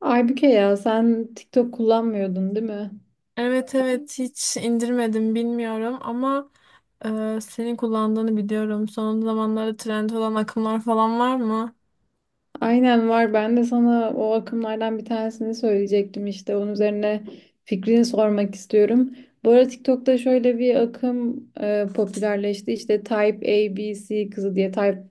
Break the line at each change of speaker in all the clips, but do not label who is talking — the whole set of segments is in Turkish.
Aybüke ya sen TikTok kullanmıyordun değil mi?
Evet, evet, hiç indirmedim, bilmiyorum ama senin kullandığını biliyorum. Son zamanlarda trend olan akımlar falan var mı?
Aynen var. Ben de sana o akımlardan bir tanesini söyleyecektim işte. Onun üzerine fikrini sormak istiyorum. Bu ara TikTok'ta şöyle bir akım popülerleşti. İşte Type A, B, C kızı diye. Type,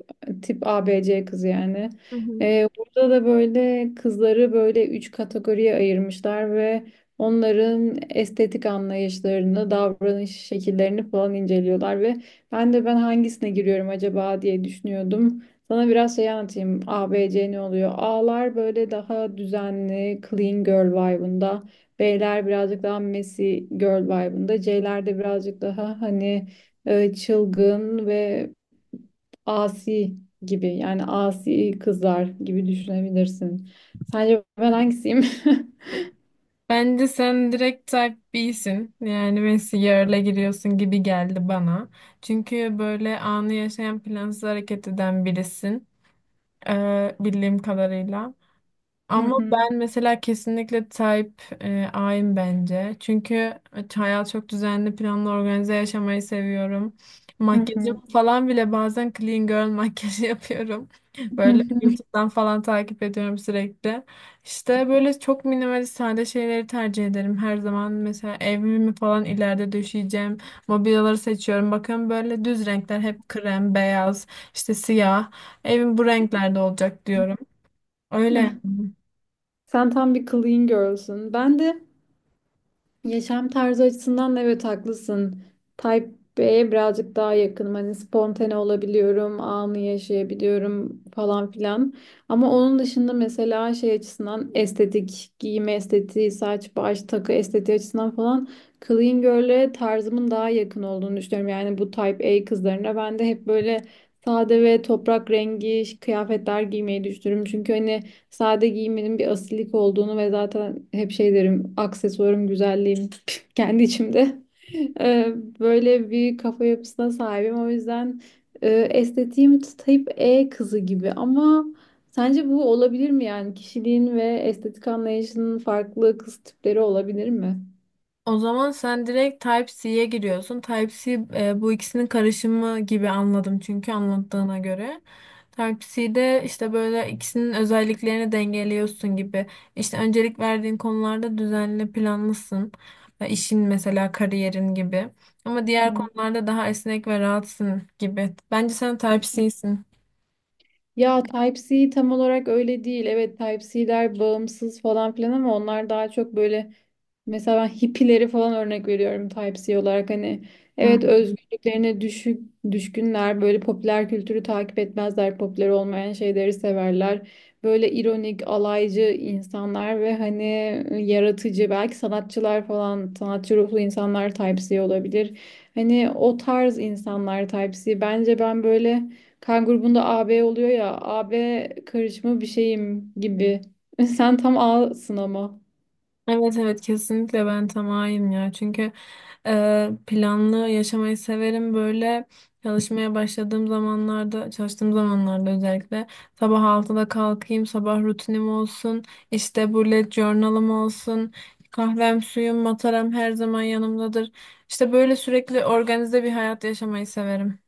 tip A, B, C kızı yani.
Hı hı.
Burada da böyle kızları böyle üç kategoriye ayırmışlar ve onların estetik anlayışlarını, davranış şekillerini falan inceliyorlar ve ben hangisine giriyorum acaba diye düşünüyordum. Sana biraz şey anlatayım. A, B, C ne oluyor? A'lar böyle daha düzenli, clean girl vibe'ında. B'ler birazcık daha messy girl vibe'ında. C'ler de birazcık daha hani çılgın ve asi gibi. Yani asi kızlar gibi düşünebilirsin. Sence ben hangisiyim?
Bence sen direkt type B'sin. Yani Messi yarla giriyorsun gibi geldi bana. Çünkü böyle anı yaşayan, plansız hareket eden birisin. Bildiğim kadarıyla.
Hı
Ama
hı,
ben mesela kesinlikle type A'yım bence. Çünkü hayat çok düzenli, planlı, organize yaşamayı seviyorum.
hı hı,
Makyajımı falan bile bazen clean girl makyajı yapıyorum.
hı
Böyle
hı.
YouTube'dan falan takip ediyorum sürekli. İşte böyle çok minimalist, sade şeyleri tercih ederim her zaman. Mesela evimi falan ileride döşeyeceğim. Mobilyaları seçiyorum. Bakın böyle düz renkler, hep krem, beyaz, işte siyah. Evim bu renklerde olacak diyorum. Öyle.
Sen tam bir clean girl'sün. Ben de Yaşam tarzı açısından da evet haklısın. Type B'ye birazcık daha yakınım. Hani spontane olabiliyorum, anı yaşayabiliyorum falan filan. Ama onun dışında mesela şey açısından estetik, giyim estetiği, saç, baş, takı estetiği açısından falan clean girl'e tarzımın daha yakın olduğunu düşünüyorum. Yani bu Type A kızlarına ben de hep böyle sade ve toprak rengi kıyafetler giymeyi düşünüyorum. Çünkü hani sade giymenin bir asilik olduğunu ve zaten hep şey derim, aksesuarım güzelliğim kendi içimde. Ee, böyle bir kafa yapısına sahibim. O yüzden estetiğim type E kızı gibi, ama sence bu olabilir mi? Yani kişiliğin ve estetik anlayışının farklı kız tipleri olabilir mi?
O zaman sen direkt Type-C'ye giriyorsun. Type-C bu ikisinin karışımı gibi anladım çünkü anlattığına göre. Type-C'de işte böyle ikisinin özelliklerini dengeliyorsun gibi. İşte öncelik verdiğin konularda düzenli, planlısın. İşin mesela, kariyerin gibi. Ama diğer
Hı.
konularda daha esnek ve rahatsın gibi. Bence sen Type-C'sin.
Ya Type C tam olarak öyle değil. Evet Type C'ler bağımsız falan filan, ama onlar daha çok böyle. Mesela ben hippileri falan örnek veriyorum Type-C olarak. Hani evet özgürlüklerine düşkünler, böyle popüler kültürü takip etmezler, popüler olmayan şeyleri severler, böyle ironik, alaycı insanlar. Ve hani yaratıcı, belki sanatçılar falan, sanatçı ruhlu insanlar Type-C olabilir. Hani o tarz insanlar Type-C. Bence ben böyle kan grubunda AB oluyor ya, AB karışımı bir şeyim gibi. Sen tam A'sın ama.
Evet, evet, kesinlikle ben tamayım ya. Çünkü planlı yaşamayı severim. Böyle çalışmaya başladığım zamanlarda, çalıştığım zamanlarda özellikle sabah 6'da kalkayım, sabah rutinim olsun, işte bullet journal'ım olsun, kahvem, suyum, mataram her zaman yanımdadır, işte böyle sürekli organize bir hayat yaşamayı severim.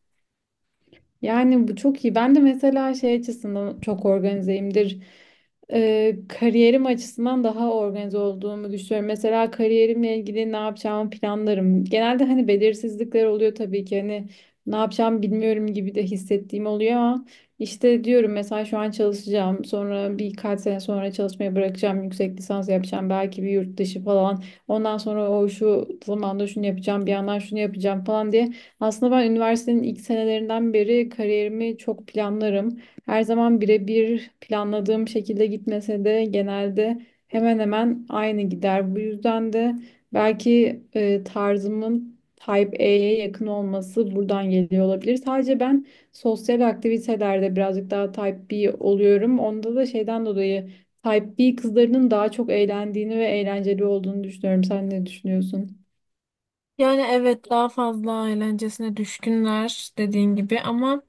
Yani bu çok iyi. Ben de mesela şey açısından çok organizeyimdir. Kariyerim açısından daha organize olduğumu düşünüyorum. Mesela kariyerimle ilgili ne yapacağımı planlarım. Genelde hani belirsizlikler oluyor tabii ki. Hani ne yapacağımı bilmiyorum gibi de hissettiğim oluyor, ama işte diyorum, mesela şu an çalışacağım. Sonra birkaç sene sonra çalışmaya bırakacağım. Yüksek lisans yapacağım. Belki bir yurt dışı falan. Ondan sonra o şu zamanda şunu yapacağım. Bir yandan şunu yapacağım falan diye aslında ben üniversitenin ilk senelerinden beri kariyerimi çok planlarım. Her zaman birebir planladığım şekilde gitmese de genelde hemen hemen aynı gider. Bu yüzden de belki tarzımın Type A'ye yakın olması buradan geliyor olabilir. Sadece ben sosyal aktivitelerde birazcık daha Type B oluyorum. Onda da şeyden dolayı Type B kızlarının daha çok eğlendiğini ve eğlenceli olduğunu düşünüyorum. Sen ne düşünüyorsun?
Yani evet, daha fazla eğlencesine düşkünler dediğin gibi ama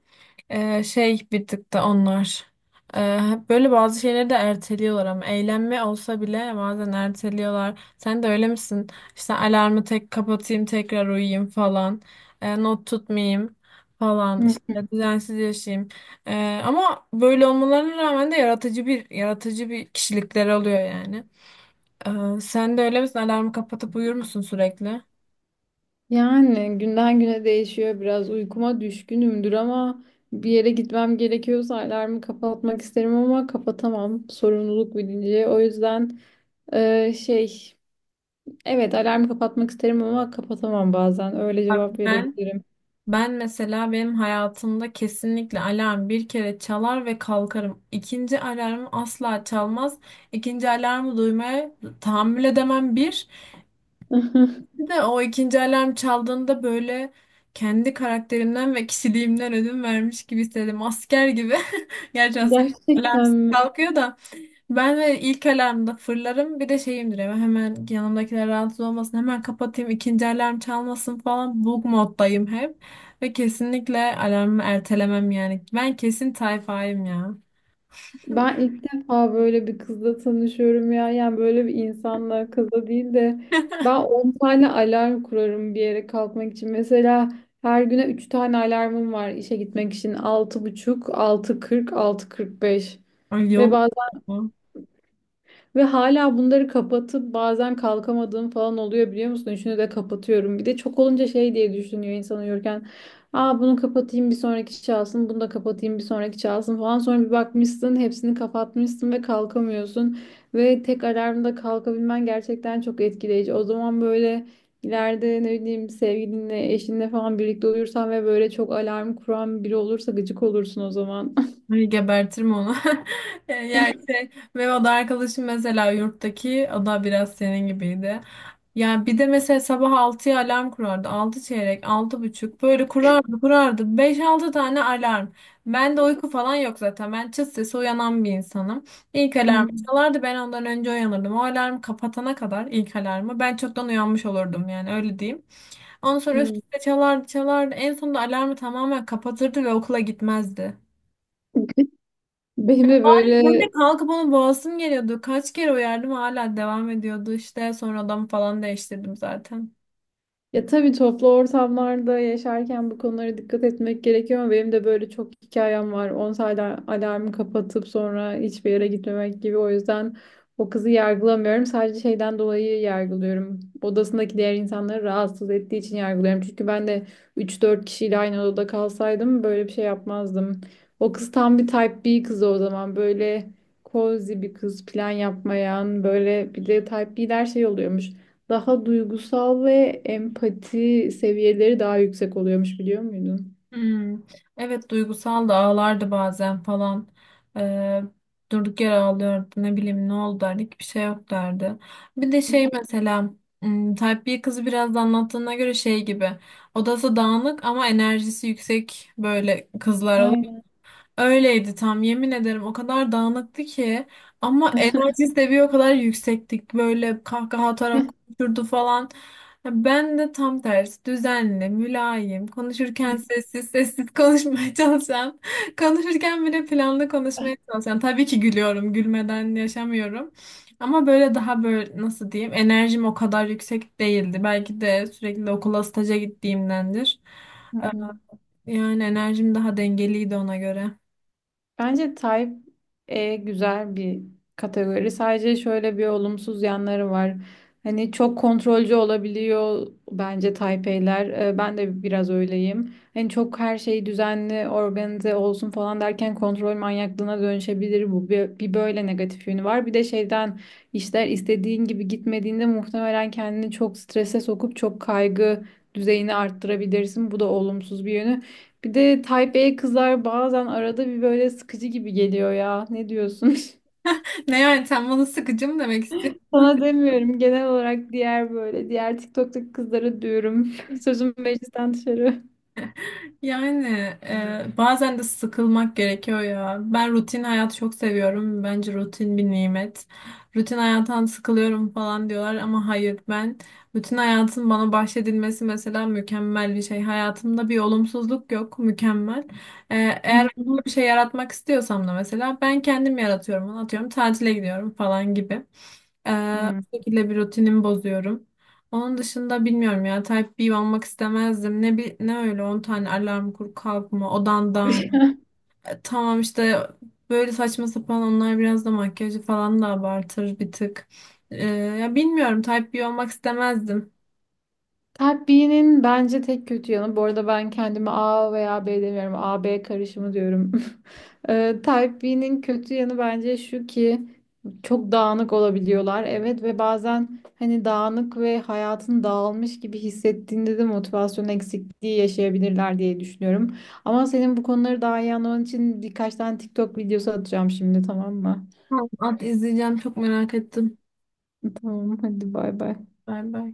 şey, bir tık da onlar hep böyle bazı şeyleri de erteliyorlar. Ama eğlenme olsa bile bazen erteliyorlar. Sen de öyle misin? İşte alarmı tek kapatayım, tekrar uyuyayım falan. Not tutmayayım falan, işte düzensiz yaşayayım. Ama böyle olmalarına rağmen de yaratıcı bir kişilikleri oluyor yani. Sen de öyle misin? Alarmı kapatıp uyur musun sürekli?
Yani günden güne değişiyor. Biraz uykuma düşkünümdür, ama bir yere gitmem gerekiyorsa alarmı kapatmak isterim, ama kapatamam. Sorumluluk bilinci. O yüzden e, şey evet, alarmı kapatmak isterim ama kapatamam bazen. Öyle
Bak,
cevap
Ben
verebilirim.
Ben mesela, benim hayatımda kesinlikle alarm bir kere çalar ve kalkarım. İkinci alarmı asla çalmaz. İkinci alarmı duymaya tahammül edemem bir. Bir de o ikinci alarm çaldığında böyle kendi karakterimden ve kişiliğimden ödün vermiş gibi hissederim. Asker gibi. Gerçi asker alarm
Gerçekten mi?
kalkıyor da. Ben de ilk alarmda fırlarım. Bir de şeyimdir, hemen yanımdakiler rahatsız olmasın, hemen kapatayım, ikinci alarm çalmasın falan. Bug moddayım hep ve kesinlikle alarmı ertelemem. Yani ben kesin tayfayım ya.
Ben ilk defa böyle bir kızla tanışıyorum ya. Yani böyle bir insanla, kızla değil de ben 10 tane alarm kurarım bir yere kalkmak için. Mesela her güne 3 tane alarmım var işe gitmek için. 6.00, 6.30, 6.40, 6.45
Ay,
ve
yok.
bazen hala bunları kapatıp bazen kalkamadığım falan oluyor, biliyor musun? Üçünü de kapatıyorum. Bir de çok olunca şey diye düşünüyor insan uyurken. Aa, bunu kapatayım bir sonraki çalsın. Bunu da kapatayım bir sonraki çalsın falan. Sonra bir bakmışsın hepsini kapatmışsın ve kalkamıyorsun. Ve tek alarmda kalkabilmen gerçekten çok etkileyici. O zaman böyle ileride, ne bileyim, sevgilinle, eşinle falan birlikte uyursan ve böyle çok alarm kuran biri olursa gıcık olursun o zaman.
Ay, gebertirim onu. Yani şey, ve o da arkadaşım mesela, yurttaki o da biraz senin gibiydi. Yani bir de mesela sabah 6'ya alarm kurardı. Altı çeyrek, 6 buçuk, böyle kurardı, kurardı. 5-6 tane alarm. Ben de uyku falan yok zaten. Ben çıt sesi uyanan bir insanım. İlk alarm
Hı.
çalardı, ben ondan önce uyanırdım. O alarm kapatana kadar, ilk alarmı ben çoktan uyanmış olurdum, yani öyle diyeyim. Ondan sonra üst
Hmm.
üste çalardı, çalardı. En sonunda alarmı tamamen kapatırdı ve okula gitmezdi.
Benim de böyle
Böyle kalkıp onu boğasım geliyordu. Kaç kere uyardım, hala devam ediyordu. İşte sonra odamı falan değiştirdim zaten.
Ya tabii, toplu ortamlarda yaşarken bu konulara dikkat etmek gerekiyor, ama benim de böyle çok hikayem var. 10 sayda alarmı kapatıp sonra hiçbir yere gitmemek gibi. O yüzden o kızı yargılamıyorum. Sadece şeyden dolayı yargılıyorum. Odasındaki diğer insanları rahatsız ettiği için yargılıyorum. Çünkü ben de 3-4 kişiyle aynı odada kalsaydım böyle bir şey yapmazdım. O kız tam bir type B kızı o zaman. Böyle cozy bir kız, plan yapmayan. Böyle bir de type B'ler şey oluyormuş, daha duygusal ve empati seviyeleri daha yüksek oluyormuş, biliyor muydun?
Hmm, evet, duygusal da, ağlardı bazen falan. Ee, durduk yere ağlıyordu, ne bileyim, ne oldu derdik, bir şey yok derdi. Bir de şey mesela, Type B kızı biraz da anlattığına göre şey gibi, odası dağınık ama enerjisi yüksek, böyle kızlar.
Aynen.
Öyleydi tam, yemin ederim, o kadar dağınıktı ki, ama enerjisi de bir o kadar yüksektik, böyle kahkaha atarak konuşurdu falan. Ya ben de tam tersi, düzenli, mülayim, konuşurken sessiz sessiz konuşmaya çalışan, konuşurken bile planlı konuşmaya çalışan. Tabii ki gülüyorum, gülmeden yaşamıyorum. Ama böyle daha böyle nasıl diyeyim, enerjim o kadar yüksek değildi. Belki de sürekli okula, staja gittiğimdendir. Ee, yani enerjim daha dengeliydi ona göre.
Bence Type E güzel bir kategori. Sadece şöyle bir olumsuz yanları var. Hani çok kontrolcü olabiliyor bence Type E'ler. Ben de biraz öyleyim. Hani çok her şey düzenli, organize olsun falan derken kontrol manyaklığına dönüşebilir bu. Bir böyle negatif yönü var. Bir de şeyden, işler istediğin gibi gitmediğinde muhtemelen kendini çok strese sokup çok kaygı düzeyini arttırabilirsin. Bu da olumsuz bir yönü. Bir de Taipei kızlar bazen arada bir böyle sıkıcı gibi geliyor ya. Ne diyorsun?
Ne, yani sen bana sıkıcı mı demek istiyorsun?
Sana demiyorum. Genel olarak diğer, böyle diğer TikTok'taki kızlara diyorum. Sözüm meclisten dışarı.
Yani bazen de sıkılmak gerekiyor ya. Ben rutin hayatı çok seviyorum. Bence rutin bir nimet. Rutin hayattan sıkılıyorum falan diyorlar ama hayır, ben rutin hayatın bana bahşedilmesi mesela mükemmel bir şey. Hayatımda bir olumsuzluk yok, mükemmel. E, eğer olumlu bir şey yaratmak istiyorsam da mesela ben kendim yaratıyorum. Atıyorum, tatile gidiyorum falan gibi. E,
Hmm.
bu şekilde bir rutinimi bozuyorum. Onun dışında bilmiyorum ya, Type B olmak istemezdim. Ne ne öyle 10 tane alarm kur, kalkma, odan dağın. Tamam, işte böyle saçma sapan, onlar biraz da makyajı falan da abartır bir tık. Ya bilmiyorum, Type B olmak istemezdim.
Kalp B'nin bence tek kötü yanı. Bu arada ben kendime A veya B demiyorum. A-B karışımı diyorum. Type B'nin kötü yanı bence şu ki çok dağınık olabiliyorlar. Evet, ve bazen hani dağınık ve hayatın dağılmış gibi hissettiğinde de motivasyon eksikliği yaşayabilirler diye düşünüyorum. Ama senin bu konuları daha iyi anlaman için birkaç tane TikTok videosu atacağım şimdi, tamam mı?
Tamam, at, izleyeceğim, çok merak ettim.
Tamam, hadi bay bay.
Bay bay.